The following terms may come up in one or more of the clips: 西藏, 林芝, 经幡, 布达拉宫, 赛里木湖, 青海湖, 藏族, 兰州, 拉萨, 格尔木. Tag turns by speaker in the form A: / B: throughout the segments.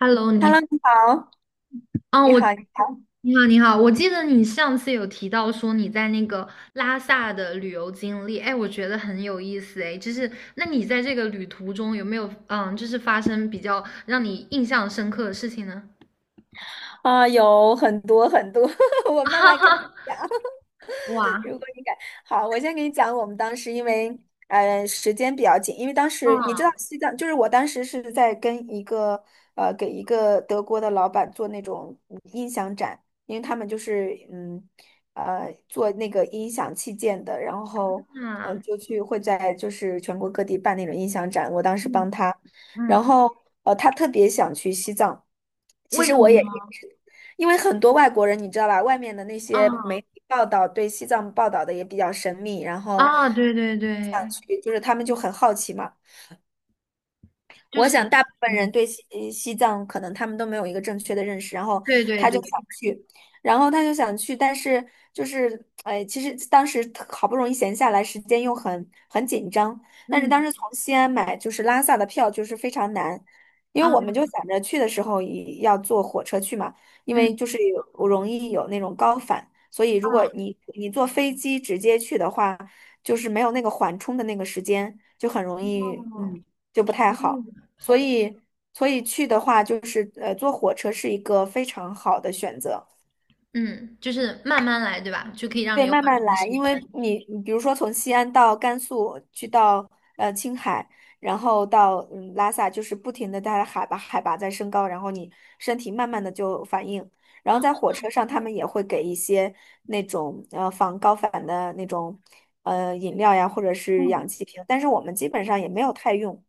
A: Hello，你好，
B: Hello，你好，
A: 嗯，
B: 你
A: 我
B: 好。
A: 你好，你好，我记得你上次有提到说你在那个拉萨的旅游经历，哎，我觉得很有意思，哎，就是那你在这个旅途中有没有，就是发生比较让你印象深刻的事情呢？
B: 啊，有很多很多，我慢
A: 哈
B: 慢跟你
A: 哈，
B: 讲。
A: 哇，
B: 如果你敢，好，我先给你讲我们当时，因为时间比较紧。因为当时你知道
A: 嗯
B: 西藏，就是我当时是在跟给一个德国的老板做那种音响展。因为他们就是做那个音响器件的，然后
A: 啊，
B: 就去会在就是全国各地办那种音响展。我当时
A: 嗯嗯
B: 帮他，然
A: 嗯，
B: 后他特别想去西藏。其
A: 为
B: 实
A: 什么
B: 我也
A: 呢？
B: 一直。因为很多外国人，你知道吧，外面的那些媒
A: 嗯
B: 体报道对西藏报道的也比较神秘，然后
A: 啊，对对
B: 想
A: 对，
B: 去，就是他们就很好奇嘛。
A: 就
B: 我
A: 是
B: 想大部分人
A: 嗯，
B: 对西藏可能他们都没有一个正确的认识，然后
A: 对对
B: 他
A: 对，
B: 就想去。但是就是哎，其实当时好不容易闲下来，时间又很紧张。但是当
A: 嗯
B: 时从西安买就是拉萨的票就是非常难，因为
A: 啊
B: 我们就想着去的时候也要坐火车去嘛，因为
A: 嗯
B: 就是容易有那种高反，所以如
A: 啊，
B: 果你坐飞机直接去的话，就是没有那个缓冲的那个时间，就很容易
A: 哦，
B: 就不太
A: 嗯，
B: 好。
A: 好
B: 所以所以去的话，就是坐火车是一个非常好的选择。
A: 嗯，就是慢慢来，对吧？就可以让你
B: 对，
A: 有
B: 慢
A: 缓
B: 慢
A: 冲
B: 来。
A: 时
B: 因为
A: 间。
B: 你比如说从西安到甘肃，去到青海，然后到拉萨，就是不停的它的海拔在升高，然后你身体慢慢的就反应。然
A: 啊，
B: 后在火车上，他们也会给一些那种防高反的那种饮料呀，或者是氧
A: 嗯
B: 气瓶，但是我们基本上也没有太用。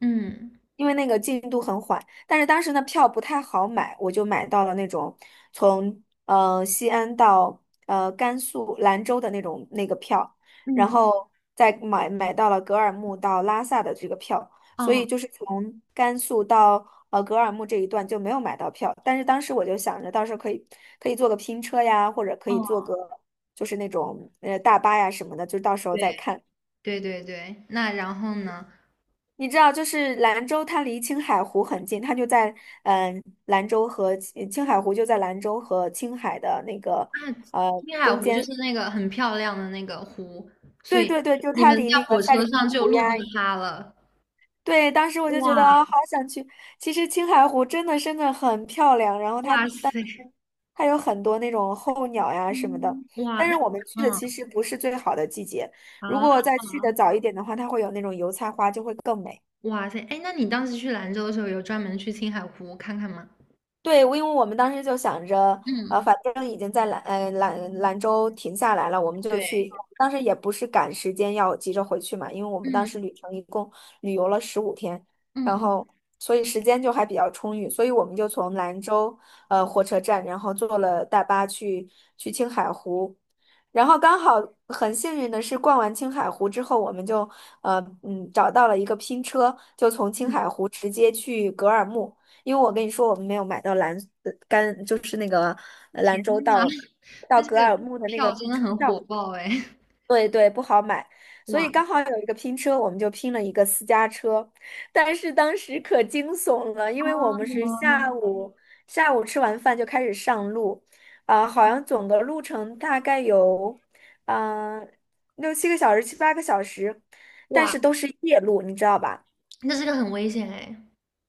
A: 嗯
B: 因为那个进度很缓。但是当时呢票不太好买，我就买到了那种从西安到甘肃兰州的那种那个票，然
A: 嗯，
B: 后再买到了格尔木到拉萨的这个票，所以
A: 哦
B: 就是从甘肃到格尔木这一段就没有买到票。但是当时我就想着到时候可以坐个拼车呀，或者可以
A: 哦，
B: 坐个就是那种大巴呀什么的，就到时候再看。
A: 对对对对。那然后呢？
B: 你知道，就是兰州，它离青海湖很近，它就在嗯、呃兰州和青青海湖就在兰州和青海的那个
A: 那青海
B: 中
A: 湖就是
B: 间。
A: 那个很漂亮的那个湖，所
B: 对
A: 以
B: 对对，就
A: 你
B: 它
A: 们
B: 离
A: 在
B: 那个
A: 火
B: 赛里
A: 车
B: 木
A: 上就
B: 湖
A: 路
B: 呀。
A: 过它了。
B: 对，当时我就觉得
A: 哇
B: 啊、好想去。其实青海湖真的真的很漂亮，然后它
A: 哇
B: 当
A: 塞，
B: 时有很多那种候鸟呀什么的，
A: 嗯哇
B: 但
A: 那
B: 是我们去的
A: 嗯
B: 其实不是最好的季节。如果
A: 啊
B: 再去的早一点的话，它会有那种油菜花，就会更美。
A: 哇塞，哎，那你当时去兰州的时候，有专门去青海湖看看吗？
B: 对，因为我们当时就想着，呃，
A: 嗯，
B: 反正已经在兰州停下来了，我们就
A: 对，
B: 去。当时也不是赶时间要急着回去嘛，因为我们当时
A: 嗯
B: 旅程一共旅游了15天，
A: 嗯
B: 然
A: 嗯，
B: 后所以时间就还比较充裕，所以我们就从兰州火车站，然后坐了大巴去青海湖，然后刚好很幸运的是逛完青海湖之后，我们就找到了一个拼车，就从青海湖直接去格尔木。因为我跟你说，我们没有买到就是那个
A: 天
B: 兰州
A: 呐！
B: 到
A: 那这
B: 格
A: 个
B: 尔木的那个
A: 票真的
B: 车
A: 很火
B: 票。
A: 爆哎！
B: 对对，不好买。所以
A: 哇
B: 刚好有一个拼车，我们就拼了一个私家车。但是当时可惊悚了，因
A: 啊，
B: 为我们
A: 怎么
B: 是
A: 了呢？
B: 下午吃完饭就开始上路，啊、好像总的路程大概有嗯、呃六七个小时、七八个小时，但
A: 哇，
B: 是都是夜路，你知道吧？
A: 那这个很危险哎！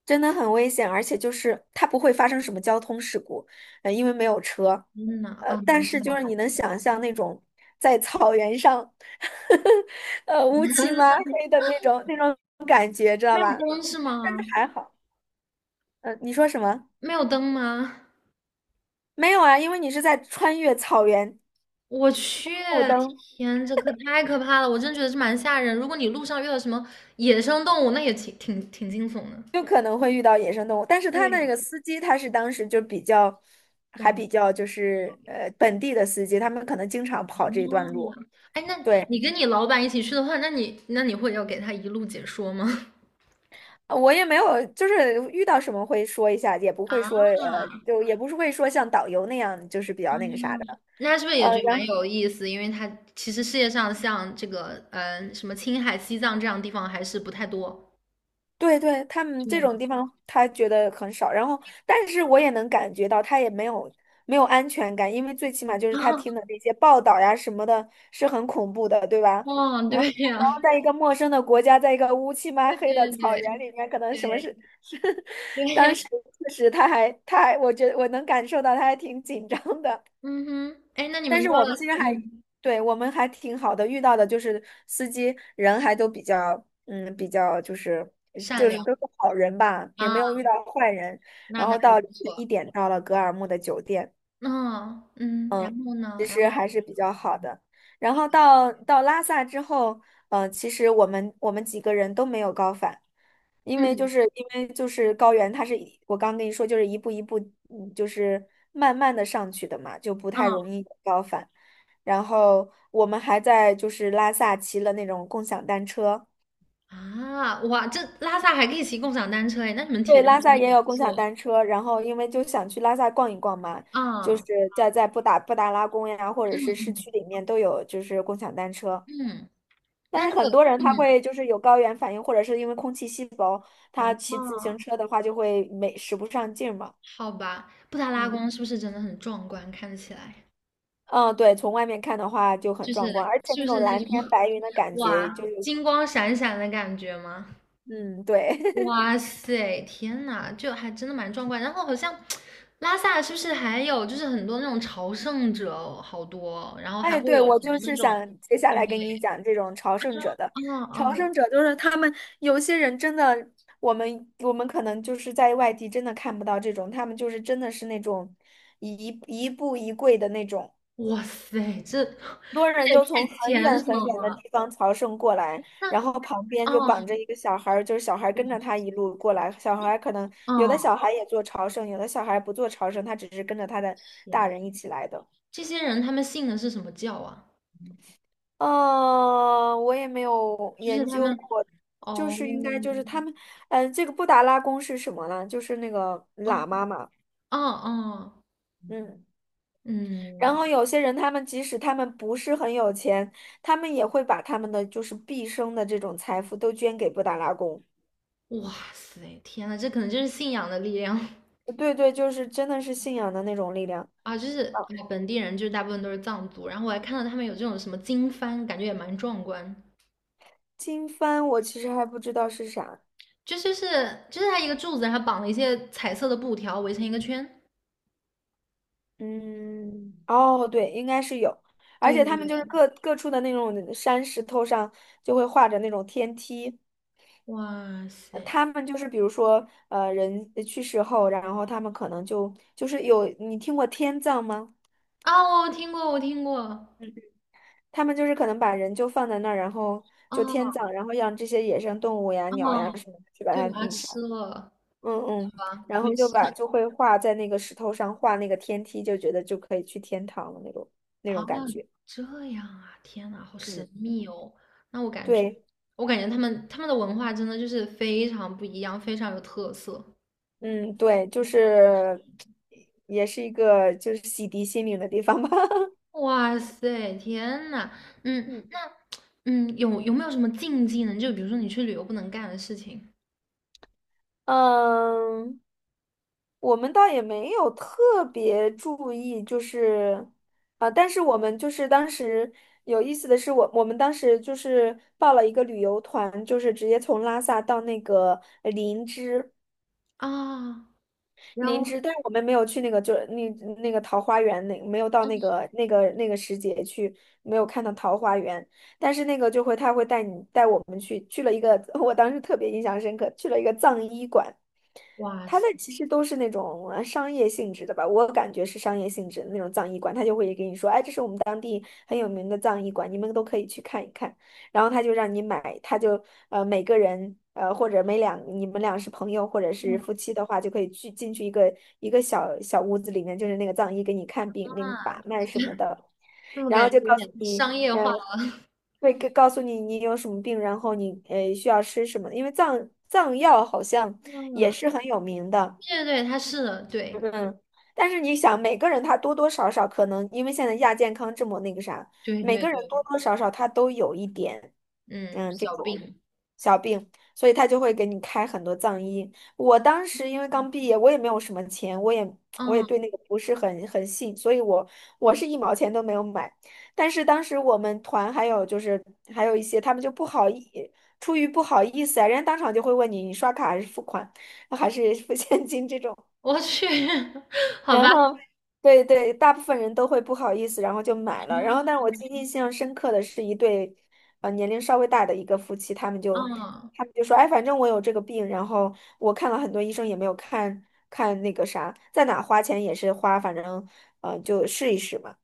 B: 真的很危险，而且就是它不会发生什么交通事故，因为没有车。
A: 天呐啊，那
B: 但是就
A: 还
B: 是
A: 好，
B: 你能想象那种在草原上，乌漆嘛 黑的那种感觉，知道
A: 没有
B: 吧？
A: 灯是
B: 但是
A: 吗？
B: 还好。你说什么？
A: 没有灯吗？
B: 没有啊，因为你是在穿越草原，
A: 我去，
B: 路灯
A: 天，这可太可怕了！我真觉得是蛮吓人。如果你路上遇到什么野生动物，那也挺惊悚的。
B: 就可能会遇到野生动物。但是他
A: 对呀，
B: 那个司机他是当时就比较，
A: 哇，
B: 还
A: 嗯
B: 比较就是本地的司机，他们可能经常跑这一段路，
A: 哎，那
B: 对。
A: 你跟你老板一起去的话，那你会要给他一路解说吗？
B: 我也没有，就是遇到什么会说一下，也不会说，
A: 啊，
B: 就也不是会说像导游那样，就是比
A: 嗯，
B: 较那个啥的，
A: 那是不是也觉得
B: 然
A: 蛮
B: 后
A: 有意思？因为他其实世界上像这个，什么青海、西藏这样的地方还是不太多。
B: 对对。他们这
A: 对，
B: 种地方他觉得很少，然后但是我也能感觉到他也没有安全感，因为最起码就是他听的 那些报道呀什么的，是很恐怖的，对吧？
A: 哦，对呀、
B: 然后 在一个陌生的国家，在一个乌漆嘛
A: 对
B: 黑的
A: 对
B: 草原
A: 对
B: 里面，可能
A: 对
B: 什么事 是。当
A: 对，
B: 时确实他还，我觉得我能感受到他还挺紧张的。
A: 嗯哼，哎，那你
B: 但
A: 们
B: 是
A: 到
B: 我
A: 了，
B: 们其实还，
A: 嗯，
B: 对，我们还挺好的，遇到的就是司机人还都比较，嗯，比较就是
A: 善
B: 就是
A: 良
B: 都是好人吧，也
A: 啊，
B: 没有遇到坏人。
A: 那
B: 然
A: 那
B: 后
A: 还
B: 到
A: 不
B: 凌晨一
A: 错。
B: 点到了格尔木的酒店，
A: 嗯嗯，然后呢？
B: 其
A: 然
B: 实
A: 后
B: 还是比较好的。然后到拉萨之后，其实我们几个人都没有高反，
A: 嗯
B: 因为就是高原，它是一我刚跟你说，就是一步一步，就是慢慢的上去的嘛，就不太
A: 啊
B: 容易有高反。然后我们还在就是拉萨骑了那种共享单车。
A: 啊，哇，这拉萨还可以骑共享单车哎，那你们
B: 对，
A: 体力
B: 拉
A: 真
B: 萨
A: 的还
B: 也
A: 不
B: 有共享
A: 错
B: 单车。然后因为就想去拉萨逛一逛嘛，就是
A: 啊。
B: 在布达拉宫呀，或者
A: 嗯
B: 是市
A: 嗯
B: 区里面都有就是共享单车。
A: 嗯，
B: 但
A: 那那
B: 是很
A: 个
B: 多人他
A: 嗯，
B: 会就是有高原反应，或者是因为空气稀薄，他骑自行
A: 哦
B: 车的话就会没使不上劲儿嘛。
A: 好吧，布达拉
B: 嗯
A: 宫是不是真的很壮观？看起来
B: 嗯，对，从外面看的话就很
A: 就
B: 壮观，
A: 是
B: 而且
A: 是
B: 那
A: 不
B: 种
A: 是那
B: 蓝天
A: 种
B: 白云的 感觉就
A: 哇
B: 是，
A: 金光闪闪的感觉吗？
B: 嗯，对，
A: 哇塞，天呐，就还真的蛮壮观。然后好像拉萨是不是还有就是很多那种朝圣者哦好多哦然后还
B: 哎，
A: 会
B: 对，
A: 有什
B: 我就
A: 么那
B: 是
A: 种，
B: 想接下
A: 对，
B: 来跟你讲这种朝圣者的。
A: 嗯
B: 朝
A: 嗯，
B: 圣者就是他们有些人真的，我们可能就是在外地真的看不到这种，他们就是真的是那种一步一跪的那种。
A: 哇塞，这
B: 多人
A: 这也
B: 就
A: 太
B: 从很
A: 虔
B: 远
A: 诚
B: 很远的地
A: 了。
B: 方朝圣过来，
A: 那
B: 然后旁边就绑着
A: 嗯
B: 一个小孩儿，就是小孩儿跟着他一路过来。小孩儿可能有的
A: 嗯，
B: 小孩也做朝圣，有的小孩不做朝圣，他只是跟着他的大
A: 天，
B: 人一起来的。
A: 这些人他们信的是什么教啊？
B: 嗯，我也没有
A: 就是
B: 研
A: 他
B: 究
A: 们。
B: 过。就
A: 哦，
B: 是应该就是他们，这个布达拉宫是什么呢？就是那个
A: 哦，
B: 喇嘛嘛，
A: 哦，哦，
B: 嗯。然
A: 嗯，
B: 后有些人，他们即使他们不是很有钱，他们也会把他们的就是毕生的这种财富都捐给布达拉宫。
A: 哇塞，天呐，这可能就是信仰的力量
B: 对对，就是真的是信仰的那种力量。
A: 啊！就
B: 啊，
A: 是哎，本地人就是大部分都是藏族，然后我还看到他们有这种什么经幡，感觉也蛮壮观。
B: 经幡我其实还不知道是啥。
A: 就是就是它一个柱子，然后绑了一些彩色的布条围成一个圈。
B: 嗯，哦，对，应该是有，而
A: 对
B: 且他
A: 对，
B: 们就是各处的那种山石头上就会画着那种天梯。
A: 哇塞！
B: 他们就是比如说，人去世后，然后他们可能就是有，你听过天葬吗？
A: 啊，我听过，我听过，
B: 他们就是可能把人就放在那儿，然后就天
A: 哦
B: 葬，然后让这些野生动物呀、
A: 哦，
B: 鸟呀什么的去把
A: 就
B: 它
A: 把它
B: 那个啥。
A: 吃了
B: 嗯嗯，
A: 吧，
B: 然后
A: 没事。
B: 就会画在那个石头上画那个天梯，就觉得就可以去天堂了那种
A: 啊，
B: 感觉。
A: 这样啊，天呐，好神
B: 嗯，
A: 秘哦。那我感觉，
B: 对，
A: 我感觉他们的文化真的就是非常不一样，非常有特色。
B: 嗯对，就是也是一个洗涤心灵的地方吧。
A: 哇塞，天呐，嗯，
B: 嗯
A: 那嗯，有有没有什么禁忌呢？就比如说你去旅游不能干的事情
B: 嗯，我们倒也没有特别注意，但是我们就是当时有意思的是我们当时就是报了一个旅游团，就是直接从拉萨到那个林芝。
A: 啊，然
B: 林
A: 后
B: 芝，但是我们没有去那个，那个桃花源，那没有到那个时节去，没有看到桃花源。但是那个他会带我们去了一个，我当时特别印象深刻，去了一个藏医馆。
A: 哇
B: 他的
A: 塞，
B: 其实都是那种商业性质的吧，我感觉是商业性质的那种葬仪馆，他就会给你说，哎，这是我们当地很有名的葬仪馆，你们都可以去看一看。然后他就让你买，他就每个人或者每两你们俩是朋友或者是夫妻的话，就可以去进去一个小小屋子里面，就是那个藏医给你看病、给你把脉什么的。
A: 这么
B: 然
A: 感
B: 后
A: 觉
B: 就
A: 有
B: 告诉
A: 点
B: 你，
A: 商业
B: 嗯、
A: 化
B: 会告诉你你有什么病，然后你需要吃什么，因为藏药好像也
A: 嗯，
B: 是很有名的。
A: 对对对，他是的，对
B: 嗯，但是你想，每个人他多多少少可能，因为现在亚健康这么那个啥，
A: 对
B: 每
A: 对
B: 个人
A: 对，
B: 多多少少他都有一点，
A: 嗯，
B: 嗯，这
A: 小
B: 种
A: 病，
B: 小病，所以他就会给你开很多藏医。我当时因为刚毕业，我也没有什么钱，我也
A: 嗯，
B: 对那个不是很信，所以我是一毛钱都没有买。但是当时我们团还有就是还有一些他们就不好意，出于不好意思啊，人家当场就会问你，你刷卡还是付款，还是付现金这种。
A: 我去，好
B: 然
A: 吧。
B: 后，对对，大部分人都会不好意思，然后就买了。然后，但是我记忆
A: 嗯
B: 印象深刻的是一对，年龄稍微大的一个夫妻，
A: 哦
B: 他们就说，哎，反正我有这个病，然后我看了很多医生也没有看那个啥，在哪花钱也是花，反正就试一试嘛。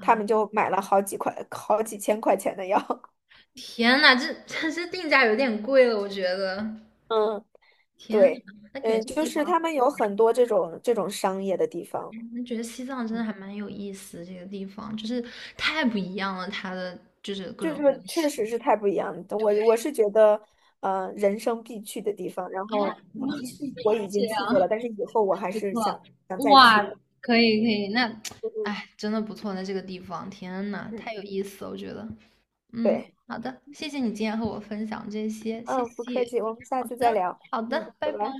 B: 他们就买了好几块、好几千块钱的药。
A: 天呐，这定价有点贵了，我觉得。
B: 嗯，
A: 天呐，
B: 对，
A: 那感觉
B: 嗯，
A: 这个
B: 就
A: 地
B: 是
A: 方，
B: 他们有很多这种商业的地方。
A: 那觉得西藏真的还蛮有意思。这个地方就是太不一样了，它的就是各
B: 就
A: 种东
B: 是确
A: 西。
B: 实是太不一样了。
A: 对
B: 我是觉得，人生必去的地方。然
A: 啊，
B: 后，以及是我已
A: 这
B: 经去过
A: 样
B: 了，但是以后我还
A: 不
B: 是
A: 错，
B: 想再去
A: 哇，
B: 的。
A: 可以可以，那
B: 嗯
A: 哎，真的不错。那这个地方，天呐，
B: 嗯嗯，
A: 太有意思了，我觉得。嗯，
B: 对，
A: 好的，谢谢你今天和我分享这些，谢
B: 嗯，不
A: 谢。
B: 客气，我们下
A: 好
B: 次再
A: 的，
B: 聊。
A: 好
B: 嗯，
A: 的，
B: 拜
A: 拜拜。
B: 拜。